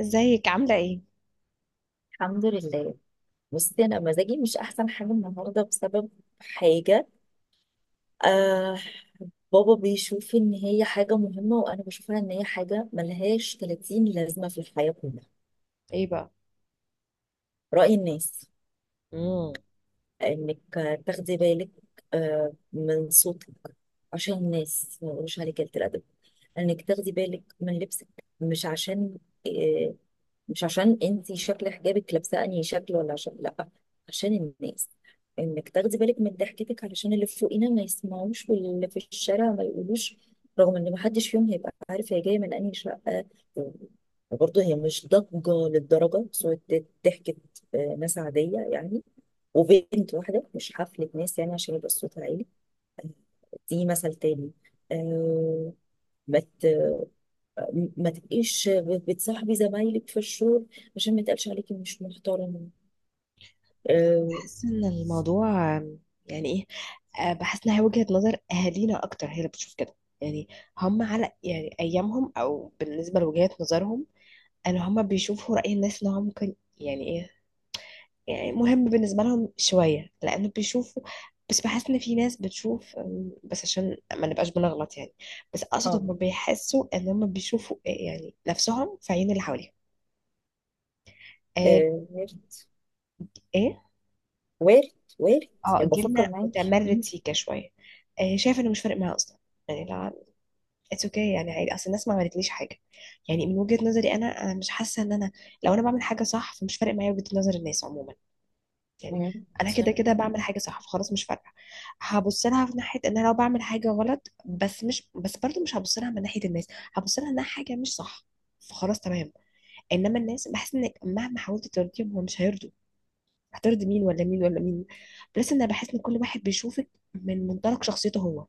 ازيك عاملة ايه؟ الحمد لله. بصي انا مزاجي مش احسن حاجه النهارده بسبب حاجه. آه بابا بيشوف ان هي حاجه مهمه، وانا بشوفها ان هي حاجه ملهاش 30 لازمه في الحياه كلها، ايه بقى. راي الناس. امم انك تاخدي بالك من صوتك عشان الناس ما يقولوش عليك قلة الادب، انك تاخدي بالك من لبسك. مش عشان آه، مش عشان انت شكل حجابك لابسه انهي شكل، ولا عشان لا، عشان الناس. انك تاخدي بالك من ضحكتك علشان اللي فوقينا ما يسمعوش واللي في الشارع ما يقولوش، رغم ان ما حدش فيهم هيبقى عارف هي جايه من انهي شقه. برضه هي مش ضجه للدرجه، صوت ضحكه ناس عاديه يعني، وبنت واحده، مش حفله ناس يعني عشان يبقى الصوت عالي. دي مثل تاني. أه. ما ت- ما تبقيش بتصاحبي زمايلك في الشغل عشان ما يتقالش عليكي مش محترمة. اه. بحس ان الموضوع يعني ايه؟ بحس انها وجهة نظر اهالينا اكتر، هي اللي بتشوف كده يعني. هم على يعني ايامهم او بالنسبة لوجهات نظرهم. ان هم بيشوفوا رأي الناس ان هو ممكن يعني ايه، يعني مهم بالنسبة لهم شوية لانه بيشوفوا. بس بحس ان في ناس بتشوف بس عشان ما نبقاش بنغلط يعني. بس اقصد اه. هم بيحسوا ان هم بيشوفوا، يعني نفسهم في عين اللي حواليهم. آه، وارد، ايه. وارد، وارد. اه يعني بفكر جيلنا معاكي. متمرد سيكا شويه. آه شايفه انه مش فارق معاه اصلا، يعني لا. اتس اوكي okay، يعني عادي اصل الناس ما عملتليش حاجه. يعني من وجهه نظري انا مش حاسه ان انا، لو انا بعمل حاجه صح فمش فارق معايا وجهه نظر الناس عموما يعني. مم. انا صح. كده كده بعمل حاجه صح فخلاص مش فارقه. هبص لها في ناحيه ان انا لو بعمل حاجه غلط، بس برضو مش هبص لها من ناحيه الناس، هبص لها انها حاجه مش صح، فخلاص تمام. انما الناس بحس ان مهما حاولت ترضيهم هم مش هيرضوا. هترضي مين ولا مين ولا مين؟ بلس انا بحس ان كل واحد بيشوفك من منطلق شخصيته هو.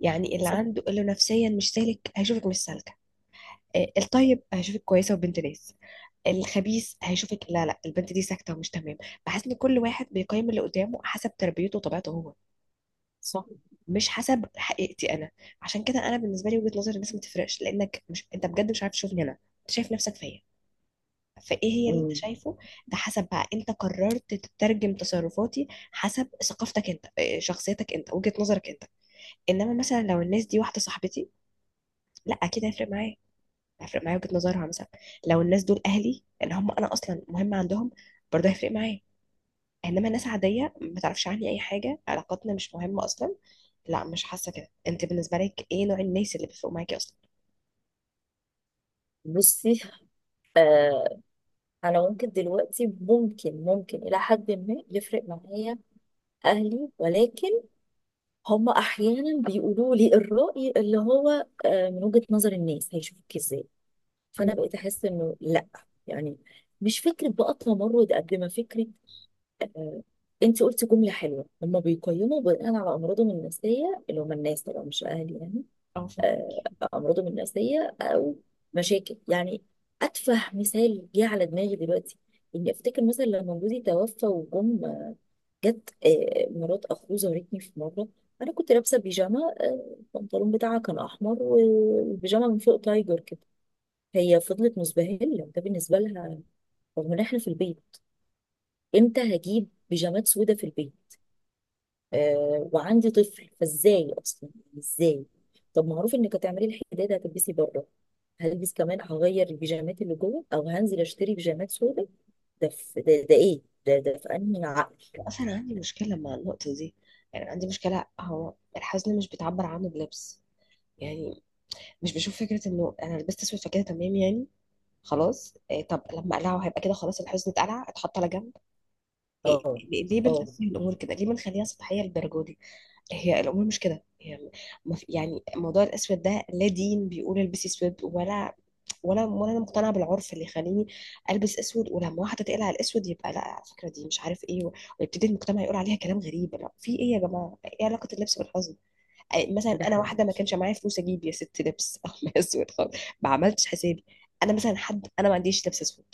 يعني اللي صح. عنده اللي نفسيا مش سالك هيشوفك مش سالكه. آه، الطيب هيشوفك كويسه وبنت ناس. الخبيث هيشوفك لا لا البنت دي ساكته ومش تمام. بحس ان كل واحد بيقيم اللي قدامه حسب تربيته وطبيعته هو، صح. مش حسب حقيقتي انا. عشان كده انا بالنسبه لي وجهه نظر الناس ما تفرقش، لانك مش، انت بجد مش عارف تشوفني انا، انت شايف نفسك فيا. فايه هي اللي انت مم. شايفه؟ ده حسب بقى انت قررت تترجم تصرفاتي حسب ثقافتك انت، إيه، شخصيتك انت، وجهة نظرك انت. انما مثلا لو الناس دي واحده صاحبتي، لا اكيد هيفرق معايا، هيفرق معايا وجهة نظرها مثلا. لو الناس دول اهلي اللي هم انا اصلا مهمه عندهم، برضه هيفرق معايا. انما ناس عاديه ما تعرفش عني اي حاجه، علاقاتنا مش مهمه اصلا، لا مش حاسه كده. انت بالنسبه لك ايه نوع الناس اللي بيفرقوا معاكي اصلا؟ بصي، آه انا ممكن دلوقتي، ممكن الى حد ما يفرق معايا اهلي، ولكن هم احيانا بيقولوا لي الرأي اللي هو من وجهة نظر الناس هيشوفك ازاي. فانا مم. بقيت احس انه لا، يعني مش فكره بقى تمرد قد ما فكره. انت قلتي جمله حلوه، هم بيقيموا بناء على امراضهم النفسيه، اللي هم الناس طبعا مش اهل يعني. اه. آه، امراضهم النفسيه او مشاكل يعني. اتفه مثال جه على دماغي دلوقتي، اني افتكر مثلا لما جوزي توفى، جت مرات اخوه زارتني في مره. انا كنت لابسه بيجامه، البنطلون بتاعها كان احمر والبيجامه من فوق تايجر كده. هي فضلت مزبهله، ده بالنسبه لها، رغم ان احنا في البيت. امتى هجيب بيجامات سودة في البيت؟ وعندي طفل، فازاي اصلا؟ ازاي؟ طب معروف انك هتعملي الحداده هتلبسي بره، هلبس كمان هغير البيجامات اللي جوه، او هنزل اشتري بيجامات سودة؟ ده في ده, ده ايه؟ ده ده في انهي عقل؟ اصلا عندي مشكله مع النقطه دي. يعني عندي مشكله، هو الحزن مش بيتعبر عنه بلبس يعني. مش بشوف فكره انه انا لبست اسود فكده تمام يعني. خلاص إيه، طب لما اقلعه هيبقى كده خلاص الحزن اتقلع اتحط على جنب؟ إيه اه. ليه؟ ليه اه. بنقسم الامور كده؟ ليه بنخليها سطحيه للدرجه دي؟ هي الامور مش كده يعني. ما في- يعني موضوع الاسود ده لا دين بيقول البسي اسود ولا، ولا انا مقتنعه بالعرف اللي يخليني البس اسود. ولما واحده تقلع الاسود يبقى لا على فكره دي مش عارف ايه، ويبتدي المجتمع يقول عليها كلام غريب. لا في ايه يا جماعه؟ ايه علاقه اللبس بالحزن؟ مثلا ده انا حقيقي. واحده ما كانش معايا فلوس اجيب يا ست لبس او اسود خالص، ما عملتش حسابي. انا مثلا حد انا ما عنديش لبس اسود،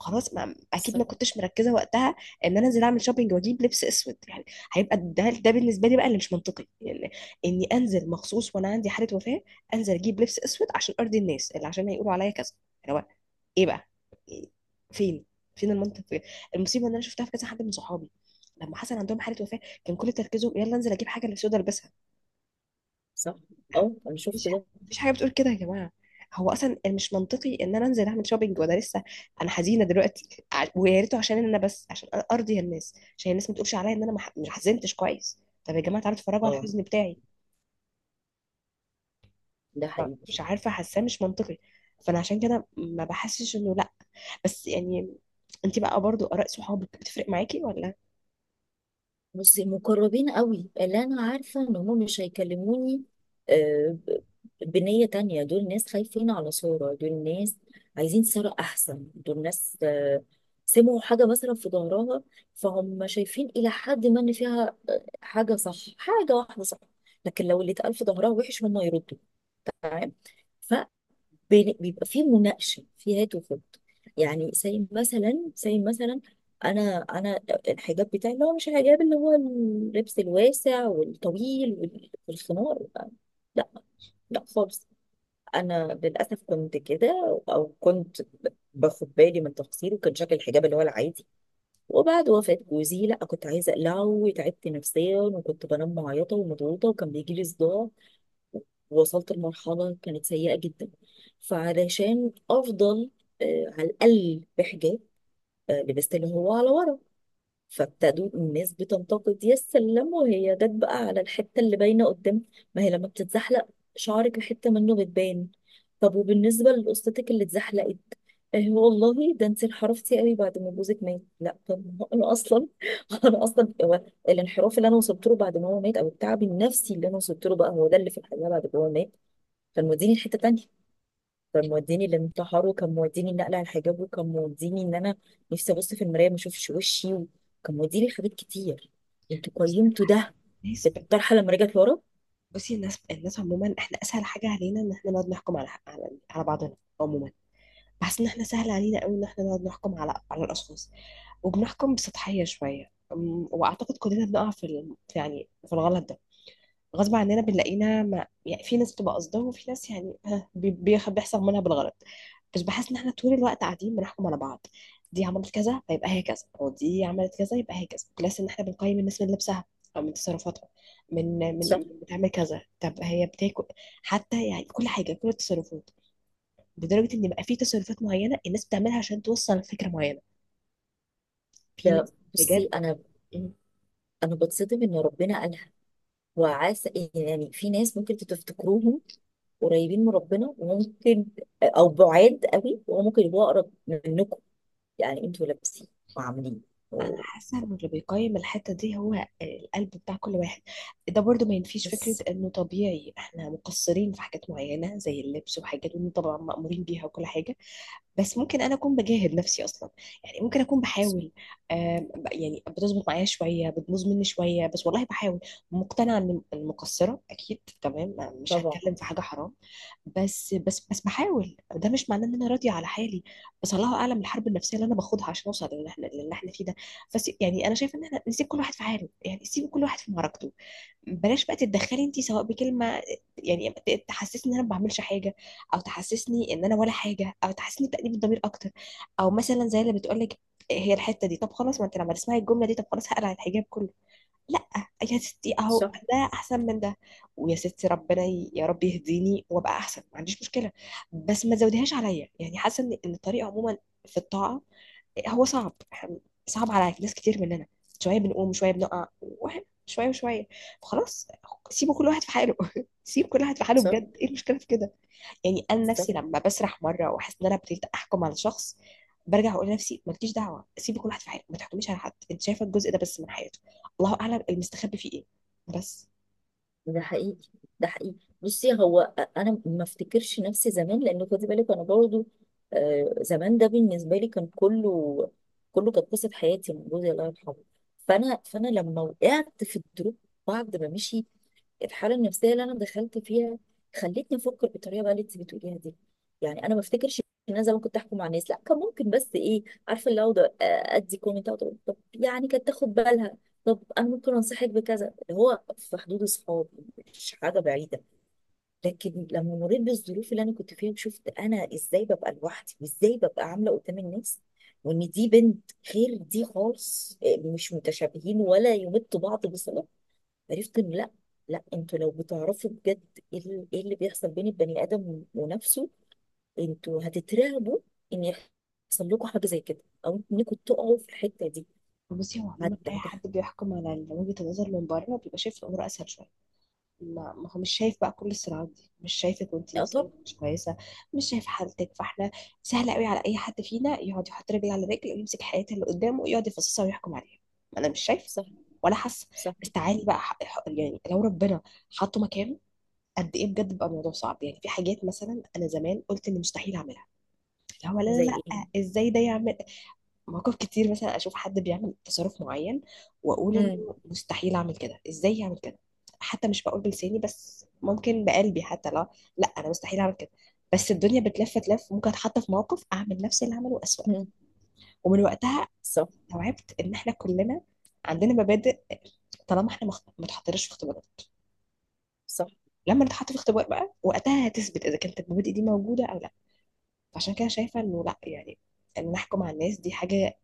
خلاص ما اكيد صح. ما كنتش مركزه وقتها ان انا انزل اعمل شوبينج واجيب لبس اسود يعني. هيبقى ده بالنسبه لي بقى اللي مش منطقي يعني. اني انزل مخصوص وانا عندي حاله وفاه، انزل اجيب لبس اسود عشان ارضي الناس اللي عشان هيقولوا عليا كذا اللي هو ايه بقى؟ إيه؟ فين؟ فين المنطق في كده؟ المصيبه ان انا شفتها في كذا حد من صحابي. لما حصل عندهم حاله وفاه كان كل تركيزهم يلا انزل اجيب حاجه اللي سودا البسها. صح. اه، انا مفيش شفت ده. مفيش حاجه بتقول كده يا جماعه. هو اصلا مش منطقي ان انا انزل اعمل شوبينج وانا لسه، انا حزينه دلوقتي، ويا ريته عشان انا بس عشان ارضي الناس، عشان الناس ما تقولش عليا ان انا ما حزنتش كويس. طب يا جماعه تعالوا اتفرجوا على اه، الحزن بتاعي. ده حقيقي. مش عارفه حاساه مش منطقي. فانا عشان كده ما بحسش انه لا. بس يعني انت بقى برضو اراء صحابك بتفرق معاكي ولا؟ بصي، مقربين قوي اللي انا عارفه ان هم مش هيكلموني آه، ب- بنيه تانية، دول ناس خايفين على صوره، دول ناس عايزين صوره احسن، دول ناس سمعوا حاجه مثلا في ظهرها، فهم شايفين الى حد ما ان فيها حاجه صح، حاجه واحده صح. لكن لو اللي اتقال في ظهرها وحش هم يردوا، تمام. بيبقى فيه مناقشه، في هات وخد. يعني زي مثلا، زي مثلا انا الحجاب بتاعي اللي هو مش الحجاب اللي هو اللبس الواسع والطويل والخمار. لا، لا خالص. انا للاسف كنت كده، او كنت باخد بالي من تقصيري، وكان شكل الحجاب اللي هو العادي. وبعد وفاة جوزي، لا، كنت عايزه اقلعه، وتعبت نفسيا، وكنت بنام معيطه ومضغوطه، وكان بيجي لي صداع. وصلت لمرحلة كانت سيئة جدا. فعلشان أفضل على الأقل بحجاب، لبست اللي هو على ورا. فابتدوا الناس بتنتقد، يا سلام، وهي جت بقى على الحتة اللي باينة قدام. ما هي لما بتتزحلق شعرك حتة منه بتبان. طب وبالنسبة لقصتك اللي اتزحلقت، والله ده انت انحرفتي قوي بعد ما جوزك مات. لا طب ما هو انا اصلا انا اصلا هو الانحراف اللي انا وصلت له بعد ما هو مات، او التعب النفسي اللي انا وصلت له، بقى هو ده اللي في الحقيقه بعد ما هو مات كان موديني لحته تانية. كان موديني الانتحار، وكان موديني النقل على الحجاب، وكان موديني ان انا نفسي ابص في المرايه ما اشوفش وشي، وكان موديني حاجات كتير. انتوا بس أنا قيمتوا بحس- ده ناس في ب- الطرحه لما رجعت ورا. بصي الناس، الناس عموما احنا اسهل حاجه علينا ان احنا نقعد نحكم على بعضنا عموما. بحس ان احنا سهل علينا قوي ان احنا نقعد نحكم على الاشخاص، وبنحكم بسطحيه شويه. واعتقد كلنا بنقع في يعني في الغلط ده غصب عننا، بنلاقينا ما يعني. في ناس بتبقى قصدها، وفي ناس يعني، بيحصل منها بالغلط. بس بحس ان احنا طول الوقت قاعدين بنحكم على بعض. دي عملت كذا فيبقى هي كذا، ودي عملت كذا يبقى هي كذا. بلس ان احنا بنقيم الناس من لبسها او من تصرفاتها، من من صح. من بتعمل كذا، طب هي بتاكل، حتى يعني كل حاجه، كل التصرفات. لدرجه ان بقى في تصرفات معينه الناس بتعملها عشان توصل لفكره معينه. في ناس ده بصي، بجد. انا م- انا بتصدم ان ربنا قالها وعسى. يعني في ناس ممكن تفتكروهم قريبين من ربنا، وممكن او بعاد قوي وممكن يبقوا اقرب منكم. يعني انتوا لابسين وعاملين انا و- حاسه انه اللي بيقيم الحته دي هو القلب بتاع كل واحد. ده برضو ما ينفيش فكره بس انه طبيعي احنا مقصرين في حاجات معينه زي اللبس وحاجات، وإنه طبعا مأمورين بيها وكل حاجه. بس ممكن انا اكون بجاهد نفسي اصلا، يعني ممكن اكون بحاول. يعني بتظبط معايا شويه، بتبوظ مني شويه، بس والله بحاول. مقتنعه ان المقصره اكيد تمام، مش هتكلم طبعا. في حاجه حرام. بس بحاول، ده مش معناه ان انا راضيه على حالي. بس الله اعلم الحرب النفسيه اللي انا باخدها عشان اوصل للي احنا، للي احنا فيه ده. بس يعني انا شايفه ان احنا نسيب كل واحد في حاله. يعني سيب كل واحد في معركته، بلاش بقى تتدخلي انت سواء بكلمه يعني تحسسني ان انا ما بعملش حاجه، او تحسسني ان انا ولا حاجه، او تحسسني بتأنيب الضمير اكتر. او مثلا زي اللي بتقول لك هي الحته دي، طب خلاص ما انت لما تسمعي الجمله دي طب خلاص هقلع الحجاب كله؟ لا، يا ستي اهو صح. ده احسن من ده. ويا ستي ربنا يا رب يهديني وابقى احسن، ما عنديش مشكله. بس ما تزوديهاش عليا يعني. حاسه ان إن الطريقه عموما في الطاعه هو صعب، صعب على ناس كتير مننا. شويه بنقوم شويه بنقع، واحد شويه وشويه، خلاص. سيبوا كل واحد في حاله سيب كل واحد في حاله صح. بجد، ايه المشكله في كده؟ يعني انا صح. نفسي لما بسرح مره واحس ان انا ابتديت احكم على شخص، برجع اقول لنفسي مالكيش دعوه، سيبي كل واحد في حاله، ما تحكميش على حد، انت شايفه الجزء ده بس من حياته، الله اعلم المستخبي فيه ايه. بس ده حقيقي. ده حقيقي. بصي، انا ما افتكرش نفسي زمان، لان خدي بالك انا برضو زمان ده بالنسبه لي كان كله، كله كانت قصه حياتي من جوزي الله يرحمه. فانا لما وقعت في الدروب بعد ما مشي، الحاله النفسيه اللي انا دخلت فيها خلتني افكر بالطريقه بقى اللي انت بتقوليها دي. يعني انا ما افتكرش ان انا زمان كنت احكم مع الناس، لا، كان ممكن بس ايه؟ عارفه، اللي اقعد ادي كومنت، أقعد أقول طب يعني كانت تاخد بالها، طب انا ممكن انصحك بكذا، اللي هو في حدود الصحاب، مش حاجه بعيده. لكن لما مريت بالظروف اللي انا كنت فيها، وشفت انا ازاي ببقى لوحدي، وازاي ببقى عامله قدام الناس، وان دي بنت غير دي خالص، مش متشابهين ولا يمتوا بعض بصله، عرفت ان لا. لا، انتوا لو بتعرفوا بجد إيه اللي بيحصل بين البني ادم ونفسه، انتوا هتترعبوا ان يحصل لكم حاجه زي كده، او انكم تقعوا في الحته دي. بصي هو هت عموما اي هت. حد بيحكم على وجهه النظر من بره بيبقى شايف الامور اسهل شويه. ما هو مش شايف بقى كل الصراعات دي، مش شايفك وانت اه نفسيا طب. مش كويسه، مش شايف حالتك. فاحنا سهل قوي على اي حد فينا يقعد يحط رجل على رجل ويمسك حياة اللي قدامه ويقعد يفصصها ويحكم عليها. ما انا مش شايفه صح. ولا حاسه. صح. بس تعالي بقى يعني لو ربنا حطه مكانه قد ايه بجد بقى الموضوع صعب. يعني في حاجات مثلا انا زمان قلت ان مستحيل اعملها، اللي هو لا لا زي ايه؟ لا ازاي ده يعمل. مواقف كتير مثلا اشوف حد بيعمل تصرف معين واقول انه امم. مستحيل اعمل كده، ازاي يعمل كده. حتى مش بقول بلساني بس، ممكن بقلبي حتى. لا لا انا مستحيل اعمل كده. بس الدنيا بتلف تلف، ممكن اتحط في موقف اعمل نفس اللي عمله اسوأ. ومن وقتها صح. استوعبت ان احنا كلنا عندنا مبادئ. طالما احنا ما اتحطناش في اختبارات، صح. لما نتحط في اختبار بقى وقتها هتثبت اذا كانت المبادئ دي موجوده او لا. فعشان كده شايفه انه لا يعني، ان نحكم على الناس دي حاجه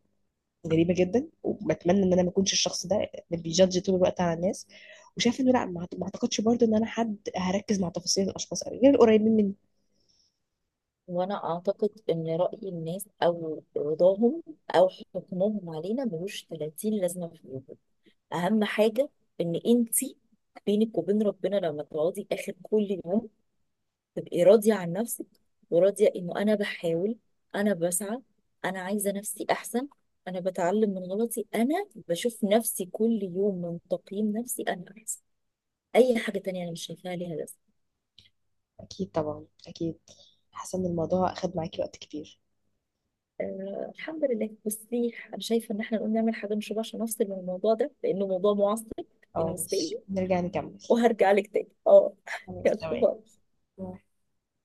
غريبه جدا. وبتمنى ان انا ما اكونش الشخص ده اللي بيجادج طول الوقت على الناس. وشايف انه لا ما اعتقدش برضو ان انا حد هركز مع تفاصيل الاشخاص قوي غير القريبين مني. وانا اعتقد ان راي الناس، او رضاهم، او حكمهم علينا ملوش 30 لازمه في الوجود. اهم حاجه ان انت بينك وبين ربنا لما تقعدي اخر كل يوم تبقي راضيه عن نفسك، وراضيه انه انا بحاول، انا بسعى، انا عايزه نفسي احسن، انا بتعلم من غلطي، انا بشوف نفسي كل يوم من تقييم نفسي انا احسن. اي حاجه تانية انا مش شايفاها ليها لازمه. اكيد طبعا اكيد. حاسه ان الموضوع اخد معاكي وقت كبير. الحمد لله. بصي انا شايفه ان احنا نقوم نعمل حاجه نشربها عشان نفصل من الموضوع ده، لانه موضوع معصب اه بالنسبه ماشي لي، نرجع نكمل. وهرجع لك تاني. اه خلاص يلا تمام. باي.